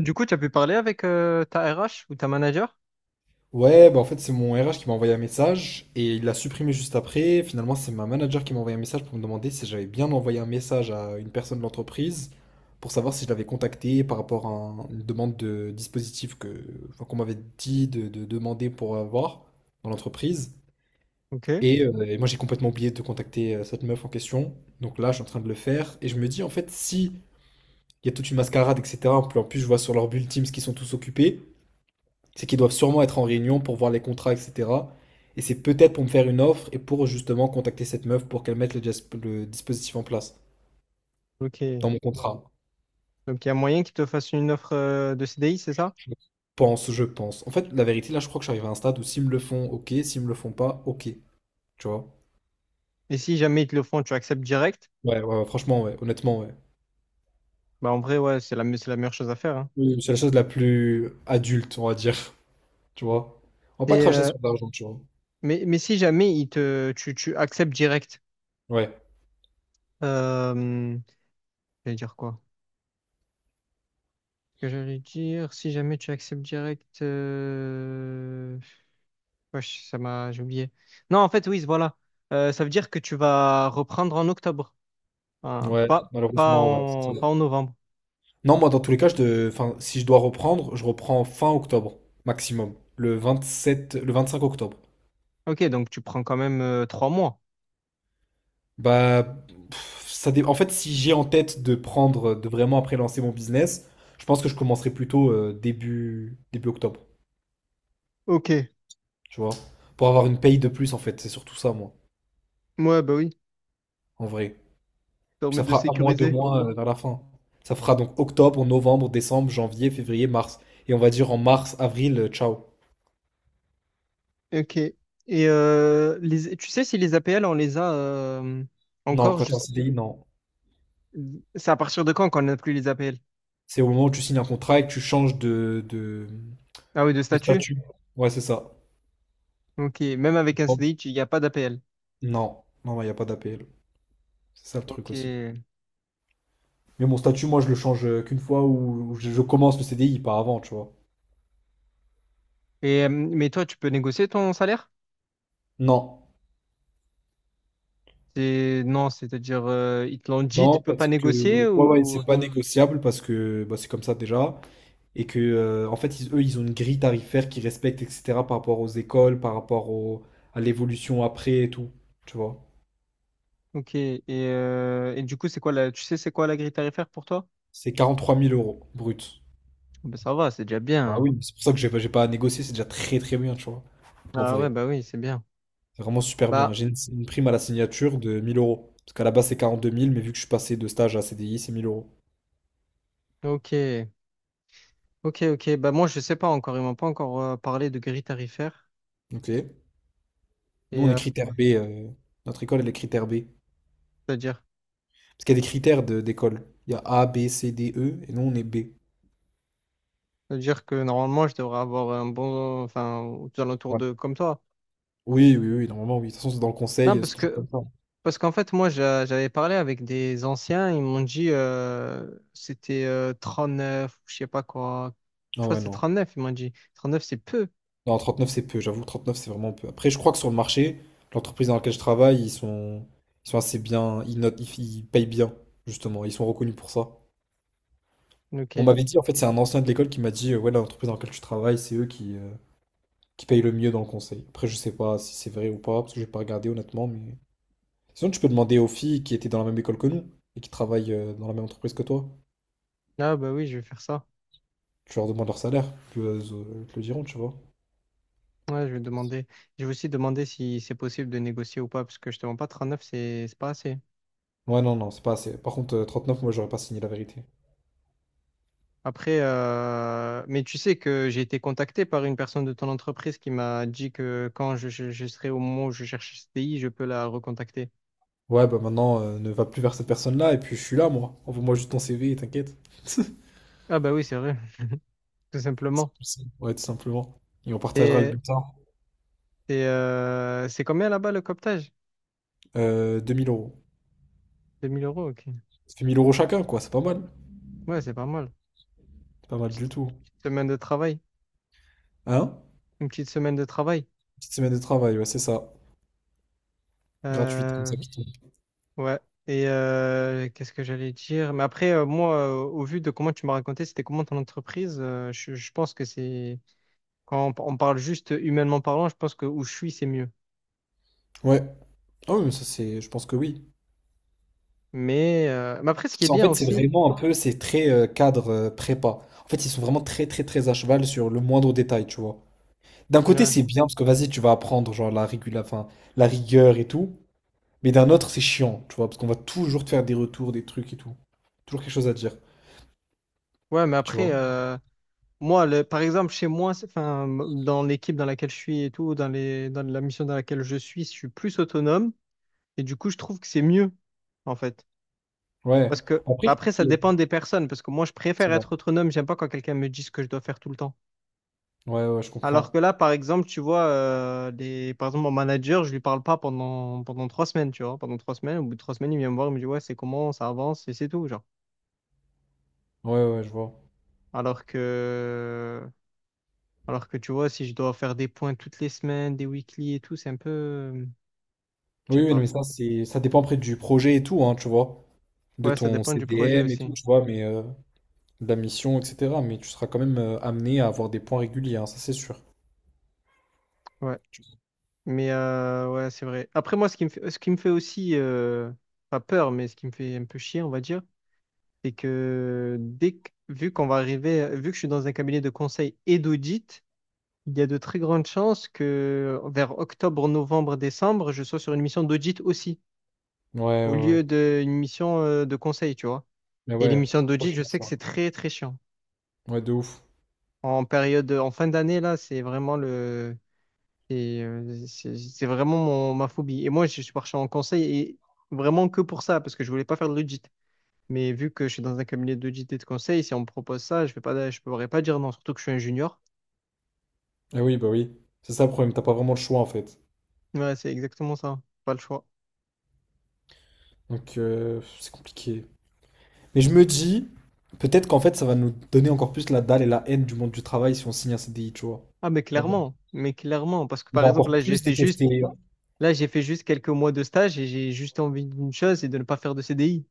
Du coup, tu as pu parler avec ta RH ou ta manager? Ouais, bah en fait, c'est mon RH qui m'a envoyé un message et il l'a supprimé juste après. Finalement, c'est ma manager qui m'a envoyé un message pour me demander si j'avais bien envoyé un message à une personne de l'entreprise pour savoir si je l'avais contacté par rapport à une demande de dispositif que, enfin, qu'on m'avait dit de demander pour avoir dans l'entreprise. Ok, Et moi, j'ai complètement oublié de contacter cette meuf en question. Donc là, je suis en train de le faire et je me dis, en fait, si il y a toute une mascarade, etc., en plus, je vois sur leur bulle Teams qu'ils sont tous occupés. C'est qu'ils doivent sûrement être en réunion pour voir les contrats, etc. Et c'est peut-être pour me faire une offre et pour justement contacter cette meuf pour qu'elle mette le dispositif en place ok. dans mon contrat. Donc, il y a moyen qu'ils te fassent une offre de CDI, c'est ça? Je pense, je pense. En fait, la vérité, là, je crois que j'arrive à un stade où s'ils me le font, ok. S'ils me le font pas, ok. Tu vois? Et si jamais ils te le font, tu acceptes direct? Ouais, ouais, ouais, franchement, ouais. Honnêtement, ouais. Bah, en vrai, ouais, c'est la meilleure chose à faire, hein. Oui, c'est la chose la plus adulte, on va dire. Tu vois? On va pas Et, cracher euh, sur de l'argent, tu vois. mais si jamais ils tu acceptes direct, Ouais, euh, j'allais dire quoi? Ce que j'allais dire, si jamais tu acceptes direct, wesh, j'ai oublié. Non, en fait, oui, voilà. Ça veut dire que tu vas reprendre en octobre. Hein, ouais, malheureusement, ouais. C'est ça. Pas en novembre. Non, moi, dans tous les cas, enfin, si je dois reprendre, je reprends fin octobre, maximum. Le 27 le 25 octobre. Ok, donc tu prends quand même 3 mois. Bah, en fait, si j'ai en tête de prendre, de vraiment après lancer mon business, je pense que je commencerai plutôt début octobre, Ok, tu vois. Pour avoir une paye de plus, en fait. C'est surtout ça, moi, moi, bah oui, ça en vrai. Puis permet ça de fera un mois, deux sécuriser. mois vers la fin. Ça fera donc octobre, novembre, décembre, janvier, février, mars. Et on va dire en mars, avril, ciao. Ok. Et tu sais si les APL, on les a Non, encore quand t'es en juste... CDI, non. C'est à partir de quand qu'on n'a plus les APL? C'est au moment où tu signes un contrat et que tu changes de, de, Ah oui, de de statut? statut. Ouais, c'est ça. Ok, même avec un Bon. CDI, il n'y a pas d'APL. Non, non, il n'y a pas d'APL. C'est ça le truc Ok. aussi. Mais mon statut, moi, je le change qu'une fois où je commence le CDI, pas avant, tu vois. Mais toi, tu peux négocier ton salaire? Non, Non, c'est-à-dire, ils te l'ont dit, tu non, peux pas parce que négocier ouais, ouais, ou... c'est pas négociable parce que bah, c'est comme ça déjà. Et que, en fait, eux, ils ont une grille tarifaire qu'ils respectent, etc., par rapport aux écoles, à l'évolution après et tout, tu vois. Ok, et du coup, c'est quoi la... Tu sais c'est quoi la grille tarifaire pour toi? C'est 43 000 euros brut. Ben, ça va, c'est déjà Bah bien. oui, c'est pour ça que j'ai pas à négocier, c'est déjà très très bien, tu vois. En Ah ouais, vrai, bah oui, c'est bien. c'est vraiment super bien. Bah, J'ai une prime à la signature de 1000 euros. Parce qu'à la base, c'est 42 000, mais vu que je suis passé de stage à CDI, c'est mille euros. ok, ok, ok. Bah, moi, je sais pas encore. Ils m'ont pas encore parlé de grille tarifaire. Ok. Nous, Et on est euh, critère B. Notre école, elle est critère B. c'est-à-dire, Parce qu'il y a des critères d'école. Il y a A, B, C, D, E, et nous, on est B. c'est-à-dire que normalement, je devrais avoir un bon, enfin, aux alentours Ouais. de comme toi. Oui, oui, oui, normalement, oui. De toute façon, c'est dans le Non, conseil, c'est toujours comme ça. parce qu'en fait, moi, j'avais parlé avec des anciens. Ils m'ont dit, c'était 39, je sais pas quoi. Je Ah crois ouais, que c'est non. 39. Ils m'ont dit, 39, c'est peu. Non, 39 c'est peu, j'avoue, 39 c'est vraiment peu. Après, je crois que sur le marché, l'entreprise dans laquelle je travaille, ils sont assez bien, ils notent, ils payent bien, justement, ils sont reconnus pour ça. On Ok. m'avait dit, en fait, c'est un ancien de l'école qui m'a dit, ouais, l'entreprise dans laquelle tu travailles, c'est eux qui payent le mieux dans le conseil. Après, je sais pas si c'est vrai ou pas, parce que j'ai pas regardé honnêtement, mais. Sinon, tu peux demander aux filles qui étaient dans la même école que nous et qui travaillent dans la même entreprise que toi. Ah, bah oui, je vais faire ça. Tu leur demandes leur salaire, puis elles te le diront, tu vois. Ouais, je vais demander. Je vais aussi demander si c'est possible de négocier ou pas, parce que je te mens pas, 39, c'est pas assez. Ouais, non, non, c'est pas assez. Par contre, 39, moi, j'aurais pas signé la vérité. Après, mais tu sais que j'ai été contacté par une personne de ton entreprise qui m'a dit que quand je serai au moment où je cherche ce pays, je peux la recontacter. Ouais, bah maintenant, ne va plus vers cette personne-là, et puis je suis là, moi. Envoie-moi juste ton CV, et t'inquiète. Ah bah oui, c'est vrai. Tout simplement. Je sais. Ouais, tout simplement. Et on partagera le et bulletin. C'est combien là-bas le cooptage? 2000 euros. Deux mille euros, ok. Ça fait 1 000 € chacun, quoi, c'est pas mal. Ouais, c'est pas mal. C'est pas mal du Petite, tout. petite semaine de travail. Hein? Une petite semaine de travail. Petite semaine de travail, ouais, c'est ça. Gratuite, comme Euh, ça, qui tombe. ouais. Qu'est-ce que j'allais dire? Mais après, moi, au vu de comment tu m'as raconté, c'était comment ton entreprise, je pense que c'est... Quand on parle juste humainement parlant, je pense que où je suis, c'est mieux. Ouais. Ah oui, mais ça, c'est... Je pense que oui. Mais après, ce qui Parce est qu'en bien fait, c'est aussi, vraiment un peu, c'est très cadre prépa. En fait, ils sont vraiment très, très, très à cheval sur le moindre détail, tu vois. D'un côté, ouais, c'est bien, parce que vas-y, tu vas apprendre, genre, enfin, la rigueur et tout. Mais d'un autre, c'est chiant, tu vois, parce qu'on va toujours te faire des retours, des trucs et tout. Toujours quelque chose à dire, ouais, mais tu après, vois. Moi, par exemple, chez moi, enfin, dans l'équipe dans laquelle je suis et tout, dans la mission dans laquelle je suis plus autonome et du coup, je trouve que c'est mieux, en fait. Ouais. Parce que Bon, après, bah, après, ça il y a- dépend des personnes, parce que moi, je c'est préfère vrai. être autonome, j'aime pas quand quelqu'un me dit ce que je dois faire tout le temps. Ouais, ouais, je Alors que comprends. là, par exemple, tu vois, par exemple, mon manager, je lui parle pas pendant 3 semaines, tu vois. Pendant trois semaines, au bout de 3 semaines, il vient me voir, il me dit, ouais, c'est comment, ça avance, et c'est tout, genre. Ouais, ouais, je vois. Alors que, alors que, tu vois, si je dois faire des points toutes les semaines, des weekly et tout, c'est un peu, je sais Oui, oui, non, pas. mais ça, c'est, ça dépend après du projet et tout, hein, tu vois. De Ouais, ça ton dépend du projet CDM et aussi. tout, tu vois, mais de la mission, etc. Mais tu seras quand même amené à avoir des points réguliers, hein, ça, c'est sûr. Ouais. Ouais, c'est vrai. Après, moi, ce qui me fait aussi, pas peur, mais ce qui me fait un peu chier, on va dire, c'est que vu qu'on va arriver, vu que je suis dans un cabinet de conseil et d'audit. Il y a de très grandes chances que vers octobre, novembre, décembre, je sois sur une mission d'audit aussi, Ouais, ouais, au ouais. lieu d'une mission de conseil, tu vois. Mais Et les ouais, missions c'est trop d'audit, je chiant, sais ça. que c'est très, très chiant. Ouais, de ouf. En période, en fin d'année, là, c'est vraiment le, c'est vraiment ma phobie. Et moi, je suis parti en conseil et vraiment que pour ça, parce que je voulais pas faire de l'audit. Mais vu que je suis dans un cabinet d'audit et de conseil, si on me propose ça, je pourrais pas dire non, surtout que je suis un junior. Ah oui, bah oui. C'est ça le problème, t'as pas vraiment le choix, en fait. Ouais, c'est exactement ça. Pas le choix. Donc, c'est compliqué. Mais je me dis, peut-être qu'en fait, ça va nous donner encore plus la dalle et la haine du monde du travail si on signe un CDI, tu vois. Ah On va mais clairement, parce que on par va exemple encore plus détester. là j'ai fait juste quelques mois de stage et j'ai juste envie d'une chose, c'est de ne pas faire de CDI.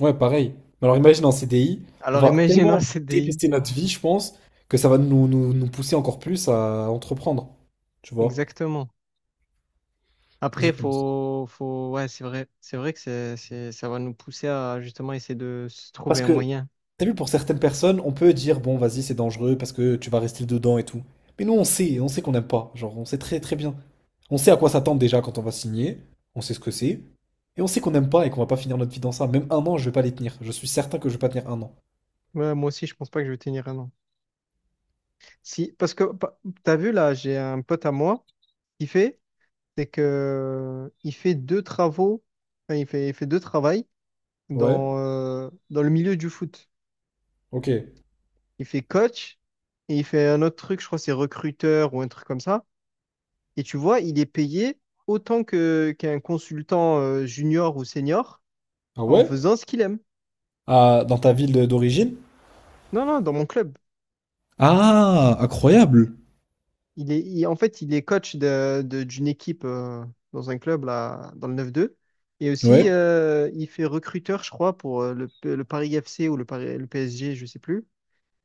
Ouais, pareil. Mais alors imagine en CDI, on Alors va imagine un tellement CDI, détester notre vie, je pense, que ça va nous, pousser encore plus à entreprendre, tu vois. exactement. J'y Après pense. Ouais c'est vrai que ça va nous pousser à justement essayer de se Parce trouver un que moyen. t'as vu, pour certaines personnes, on peut dire, bon, vas-y, c'est dangereux parce que tu vas rester dedans et tout. Mais nous, on sait qu'on n'aime pas. Genre, on sait très très bien. On sait à quoi s'attendre déjà quand on va signer. On sait ce que c'est. Et on sait qu'on n'aime pas et qu'on va pas finir notre vie dans ça. Même un an, je vais pas les tenir. Je suis certain que je vais pas tenir un an. Ouais, moi aussi je pense pas que je vais tenir un an. Si, parce que t'as vu là, j'ai un pote à moi qui fait, c'est que il fait deux travaux, enfin, il fait deux travails Ouais, dans le milieu du foot. ok. Il fait coach et il fait un autre truc, je crois que c'est recruteur ou un truc comme ça. Et tu vois, il est payé autant que qu'un consultant junior ou senior Ah en ouais? faisant ce qu'il aime. Ah, dans ta ville d'origine? Non, non, dans mon club. Ah, incroyable. En fait, il est coach d'une équipe dans un club là, dans le 9-2. Et aussi, Ouais. Il fait recruteur, je crois, pour le Paris FC ou le PSG, je sais plus.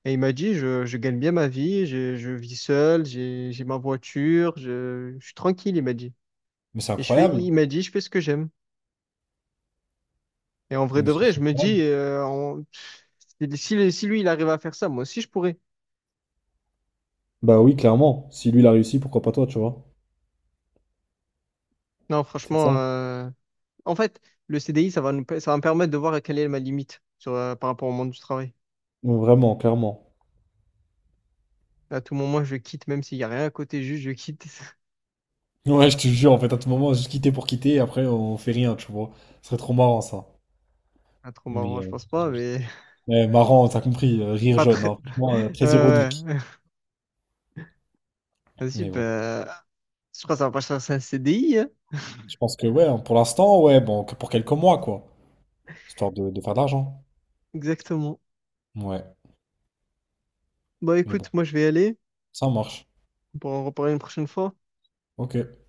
Et il m'a dit, je gagne bien ma vie, je vis seul, j'ai ma voiture, je suis tranquille, il m'a dit. Mais c'est incroyable. Il m'a dit, je fais ce que j'aime. Et en vrai Mais de c'est vrai, c'est je me incroyable. dis, si lui, il arrive à faire ça, moi aussi, je pourrais. Bah oui, clairement. Si lui, il a réussi, pourquoi pas toi, tu vois? Non, C'est ça. franchement, en fait, le CDI, ça va me permettre de voir quelle est ma limite par rapport au monde du travail. Vraiment, clairement. À tout moment, je quitte, même s'il n'y a rien à côté, juste je quitte. Ouais, je te jure, en fait, à tout moment, juste quitter pour quitter, et après, on fait rien, tu vois. Ce serait trop marrant, ça. Pas trop marrant, Mais je pense pas, mais ouais, marrant, t'as compris, rire pas jaune, très. hein. Franchement, très Ouais, ironique. ouais. Vas-y, Mais bon, bah, je crois que ça va pas chercher un CDI. je pense que, ouais, hein, pour l'instant, ouais, bon, que pour quelques mois, quoi. Histoire de faire de l'argent. Exactement. Ouais, Bah mais bon, écoute, moi je vais y aller. ça marche. On pourra en reparler une prochaine fois. Ok.